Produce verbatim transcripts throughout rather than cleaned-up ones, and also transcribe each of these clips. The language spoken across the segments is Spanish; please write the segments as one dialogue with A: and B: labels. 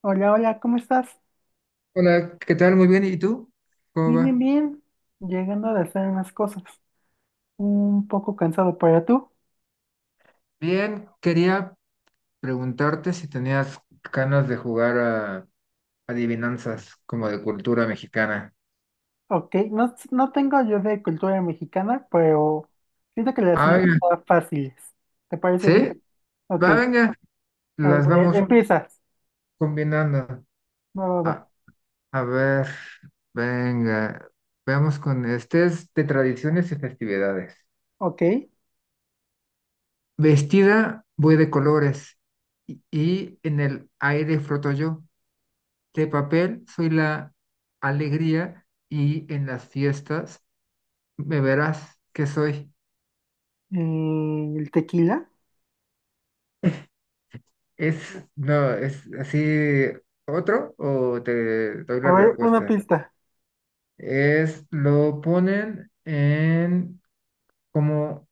A: Hola, hola, ¿cómo estás?
B: Hola, ¿qué tal? Muy bien. ¿Y tú? ¿Cómo
A: Bien, bien,
B: va?
A: bien. Llegando de hacer unas cosas. Un poco cansado, para tú.
B: Bien, quería preguntarte si tenías ganas de jugar a adivinanzas como de cultura mexicana.
A: Ok, no, no tengo yo de cultura mexicana, pero siento que las mías
B: Ah, venga.
A: son fáciles. ¿Te parece bien?
B: ¿Sí?
A: Ok,
B: Va, venga.
A: a
B: Las
A: ver,
B: vamos
A: empiezas.
B: combinando.
A: Va, va, va.
B: A, a ver, venga. Veamos con este es de tradiciones y festividades.
A: Ok, eh,
B: Vestida voy de colores y, y en el aire floto yo. De papel soy la alegría y en las fiestas me verás que soy.
A: el tequila.
B: Es, no, es así otro o te doy
A: A
B: la
A: ver, una
B: respuesta.
A: pista.
B: Es, lo ponen en como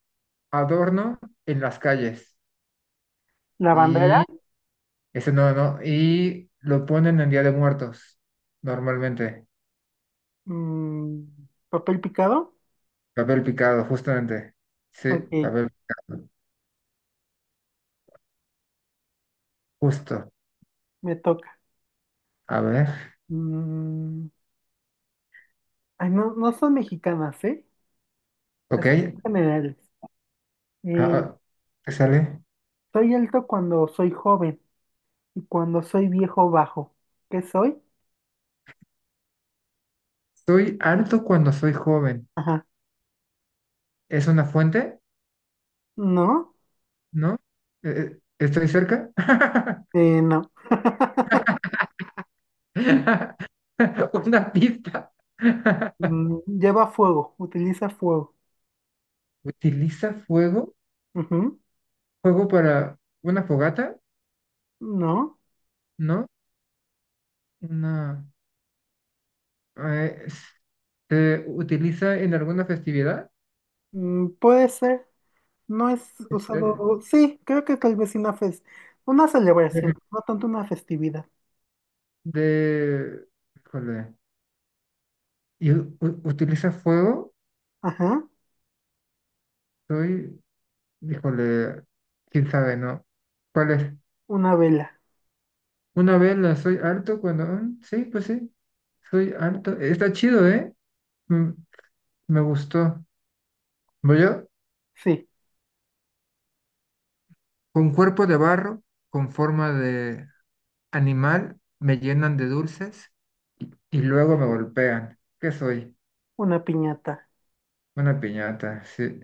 B: adorno en las calles
A: La bandera.
B: y eso no, no, y lo ponen en Día de Muertos normalmente.
A: Mm, papel picado.
B: Papel picado, justamente. Sí,
A: Ok,
B: papel picado, justo.
A: me toca.
B: A ver,
A: Mm, ay, no, no son mexicanas, ¿eh?
B: ok.
A: Así son generales. Eh,
B: Ah, ah, sale.
A: Soy alto cuando soy joven y cuando soy viejo bajo. ¿Qué soy?
B: Estoy harto cuando soy joven.
A: Ajá.
B: ¿Es una fuente?
A: ¿No?
B: ¿No? Eh, eh, ¿Estoy cerca?
A: Eh, no.
B: Una pista.
A: Mm, lleva fuego, utiliza fuego.
B: ¿Utiliza fuego?
A: Ujú.
B: ¿Fuego para una fogata?
A: ¿No?
B: ¿No? Una, eh, ¿se utiliza en alguna festividad?
A: Mm, puede ser. No es usado.
B: De,
A: Sí, creo que tal vez una fes- una celebración,
B: de-
A: no tanto una festividad.
B: de- híjole. ¿Y u- u- utiliza fuego?
A: Ajá.
B: Soy, híjole, quién sabe, ¿no? ¿Cuál es?
A: Una vela.
B: Una vela, soy harto cuando... Mm, sí, pues sí, soy harto. Está chido, ¿eh? Mm, me gustó. Voy yo,
A: Sí,
B: con cuerpo de barro, con forma de animal, me llenan de dulces y, y luego me golpean. ¿Qué soy?
A: una piñata.
B: Una piñata, sí.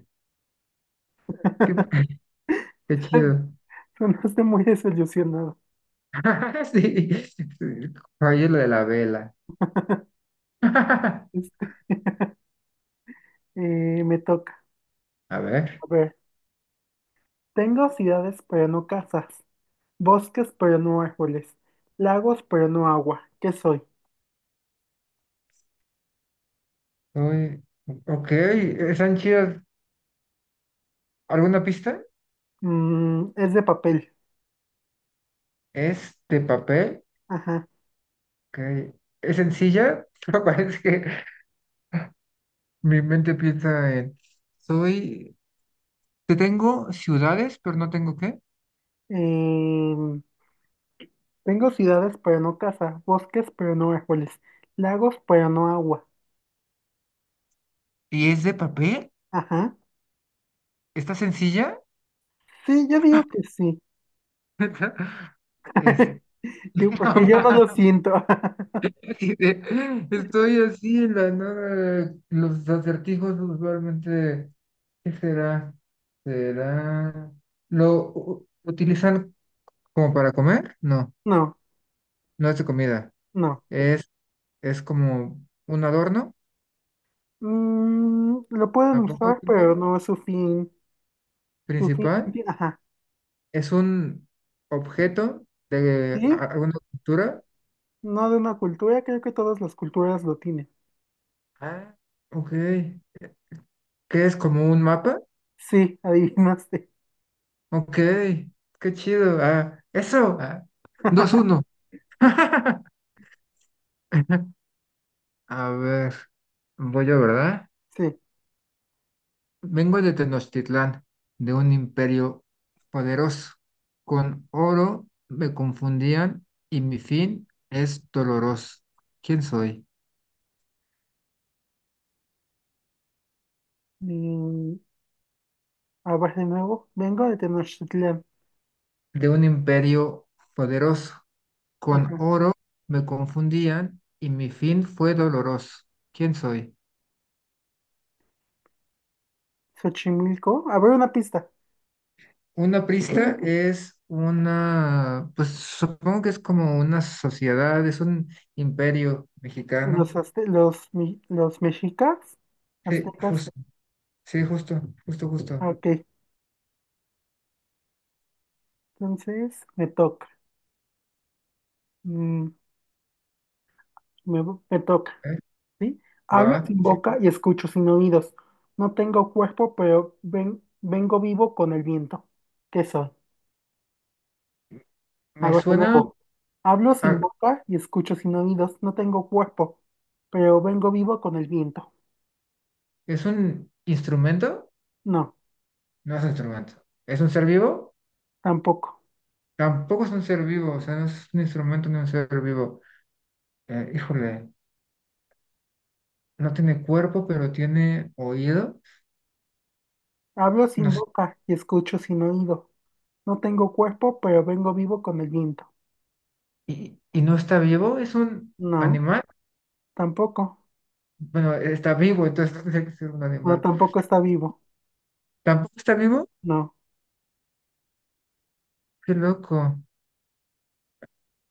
B: Qué, qué chido.
A: Sonaste muy desilusionado.
B: Sí, sí. Fallé lo de la vela.
A: Este, eh, me toca.
B: A ver.
A: A ver, tengo ciudades, pero no casas. Bosques pero no árboles. Lagos pero no agua. ¿Qué soy?
B: Uy, ok, están chidas. ¿Alguna pista?
A: Mm, es de papel.
B: Es de papel.
A: Ajá.
B: Ok. Es sencilla, pero parece que mi mente piensa en, soy, te tengo ciudades, pero no tengo qué.
A: Em, tengo ciudades pero no casa. Bosques pero no árboles. Lagos pero no agua.
B: ¿Y es de papel?
A: Ajá.
B: ¿Está sencilla?
A: Sí, yo digo que sí.
B: Es,
A: Digo,
B: no
A: porque yo no
B: mames,
A: lo siento.
B: y de- estoy así en la nada. Los acertijos usualmente, ¿qué será? ¿Será? ¿Lo u- utilizan como para comer? No,
A: No,
B: no es de comida.
A: no.
B: Es, es como un adorno,
A: Mm, lo pueden
B: tampoco.
A: usar pero no es su fin. Su fin.
B: Principal
A: ti- Ajá.
B: es un objeto de
A: Sí,
B: a- alguna cultura.
A: no de una cultura. Creo que todas las culturas lo tienen.
B: Ah, ok. ¿Qué es como un mapa?
A: Sí, adivinaste.
B: Ok. Qué chido. Ah, eso. Ah. dos uno. A ver. Voy yo, ¿verdad?
A: Sí.
B: Vengo de Tenochtitlán, de un imperio poderoso. Con oro me confundían y mi fin es doloroso. ¿Quién soy?
A: Mm, a ver de nuevo. Vengo de Tenochtitlán.
B: De un imperio poderoso. Con
A: Ajá.
B: oro me confundían y mi fin fue doloroso. ¿Quién soy?
A: Xochimilco. A ver una pista.
B: Una prista es una, pues supongo que es como una sociedad, es un imperio mexicano.
A: Los, azte- los, mi- los mexicas,
B: Sí,
A: aztecas.
B: justo, sí, justo, justo, justo.
A: Ah, ok, entonces me toca. Mm, me, me toca,
B: ¿Eh?
A: ¿sí?
B: Va,
A: Hablo
B: va,
A: sin
B: sí.
A: boca y escucho sin oídos. No tengo cuerpo, pero ven- vengo vivo con el viento. ¿Qué soy? A
B: Me
A: ver de
B: suena
A: nuevo. Hablo sin
B: a-
A: boca y escucho sin oídos. No tengo cuerpo, pero vengo vivo con el viento.
B: ¿es un instrumento?
A: No,
B: No es un instrumento. ¿Es un ser vivo?
A: tampoco.
B: Tampoco es un ser vivo, o sea, no es un instrumento ni un ser vivo. Eh, híjole, no tiene cuerpo, pero tiene oído.
A: Hablo
B: No
A: sin
B: sé,
A: boca y escucho sin oído. No tengo cuerpo, pero vengo vivo con el viento.
B: y, y no está vivo, es un
A: No,
B: animal.
A: tampoco.
B: Bueno, está vivo, entonces no tendría que ser un
A: No,
B: animal.
A: tampoco está vivo.
B: Tampoco está vivo,
A: No.
B: qué loco.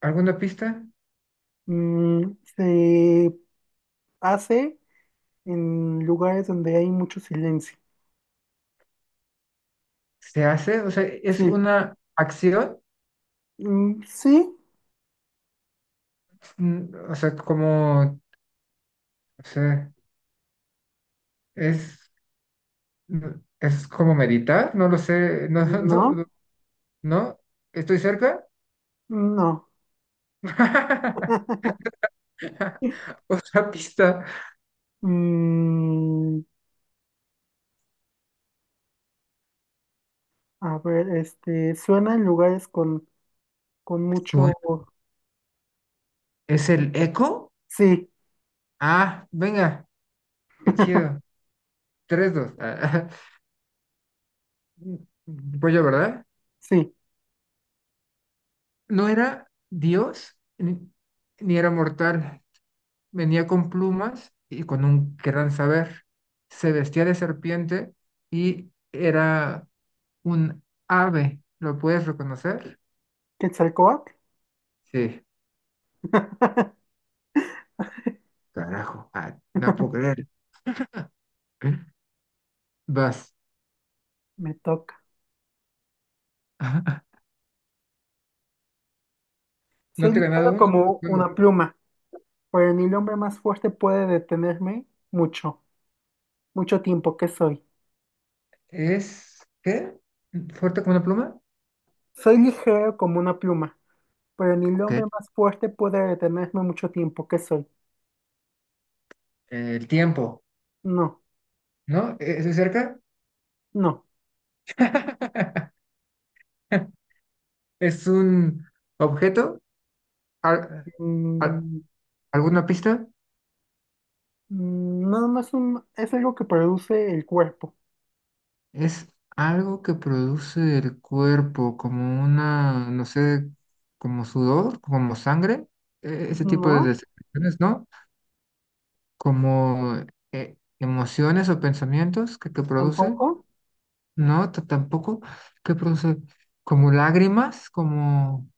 B: ¿Alguna pista?
A: Mm, se hace en lugares donde hay mucho silencio.
B: ¿Se hace? O sea, es
A: Sí.
B: una acción,
A: Mm, sí.
B: mm, o sea, como, o sea es, mm, es como meditar, no lo sé, no, no, no,
A: No.
B: no, ¿estoy cerca?
A: No.
B: Otra pista.
A: Mm, a ver, este, suena en lugares con, con
B: Bueno,
A: mucho...
B: ¿es el eco?
A: Sí,
B: Ah, venga, qué chido. Tres, dos. Pues yo, ¿verdad?
A: sí.
B: No era Dios ni, ni era mortal. Venía con plumas y con un gran saber. Se vestía de serpiente y era un ave. ¿Lo puedes reconocer?
A: ¿Quetzalcóatl?
B: Sí, carajo. Ah, no puedo creer. Vas.
A: Me toca. Soy
B: No te he ganado
A: ligero
B: un solo
A: como
B: juego.
A: una pluma, pero ni el hombre más fuerte puede detenerme mucho, mucho tiempo que soy.
B: ¿Es qué? ¿Fuerte como una pluma?
A: Soy ligero como una pluma, pero ni el
B: Ok.
A: hombre más fuerte puede detenerme mucho tiempo que soy.
B: El tiempo,
A: No,
B: ¿no? ¿Es de cerca?
A: no.
B: Es un objeto. Al- al-
A: Mm,
B: ¿Alguna pista?
A: mm, no, no es un, es algo que produce el cuerpo.
B: Es algo que produce el cuerpo, como una, no sé, como sudor, como sangre, e- ese tipo de
A: No,
B: descripciones, ¿no? Como eh, emociones o pensamientos que, que produce,
A: tampoco.
B: ¿no? T- tampoco. ¿Que produce? Como lágrimas, como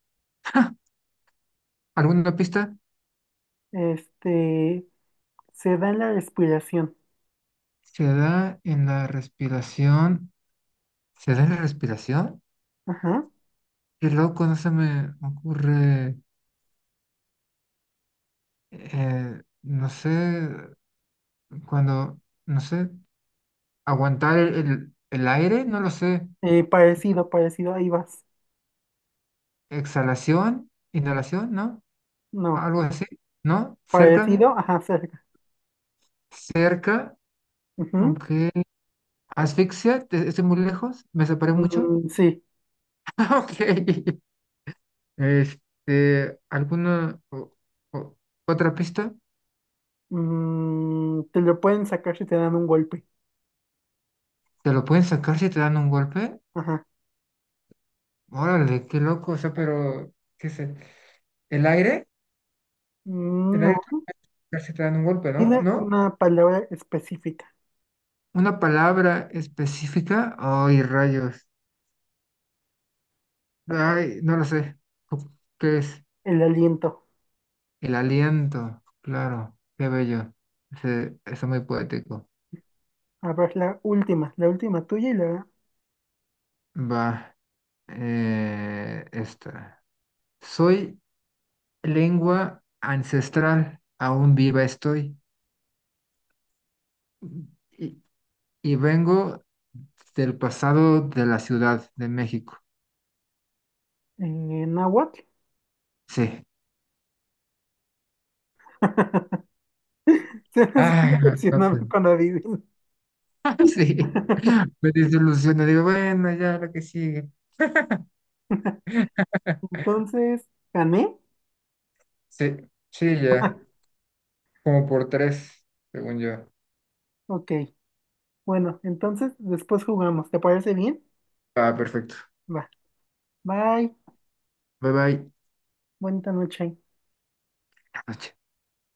B: alguna pista.
A: Este, se da en la respiración.
B: Se da en la respiración. ¿Se da en la respiración?
A: Ajá.
B: Qué loco, no se me ocurre, eh, no sé, cuando, no sé, aguantar el, el- el aire, no lo sé,
A: Eh, parecido, parecido, ahí vas.
B: exhalación, inhalación, ¿no?
A: No,
B: Algo así, ¿no? Cerca,
A: parecido, ajá, cerca.
B: cerca,
A: Ujú.
B: ok. Asfixia, ¿te- estoy muy lejos, me separé mucho.
A: Mm, sí.
B: Ok. Este, ¿alguna o- o- otra pista?
A: Mm, te lo pueden sacar si te dan un golpe.
B: ¿Te lo pueden sacar si te dan un golpe?
A: Ajá.
B: Órale, qué loco, o sea, pero, ¿qué sé? ¿El aire?
A: Mm,
B: El
A: no,
B: aire casi te dan un golpe, ¿no?
A: tiene
B: ¿No?
A: una palabra específica,
B: Una palabra específica. Ay, rayos. Ay, no lo sé. Cu- ¿Qué es?
A: el aliento.
B: El aliento. Claro, qué bello. Se- está muy poético.
A: A ver, la última, la última tuya y la
B: Va. Eh, esta. Soy lengua ancestral. Aún viva estoy. Y, y vengo del pasado de la Ciudad de México.
A: eh, náhuatl.
B: Sí.
A: Se me hace
B: Ah, no,
A: decepcionado
B: pues,
A: cuando adivino.
B: sí. Me desilusioné, digo, bueno, ya lo que sigue.
A: Entonces, ¿gané?
B: Sí, sí, ya, como por tres, según yo.
A: Ok. Bueno, entonces después jugamos. ¿Te parece bien?
B: Ah, perfecto.
A: Va. Bye.
B: Bye bye. Buenas
A: Buena noche.
B: noches.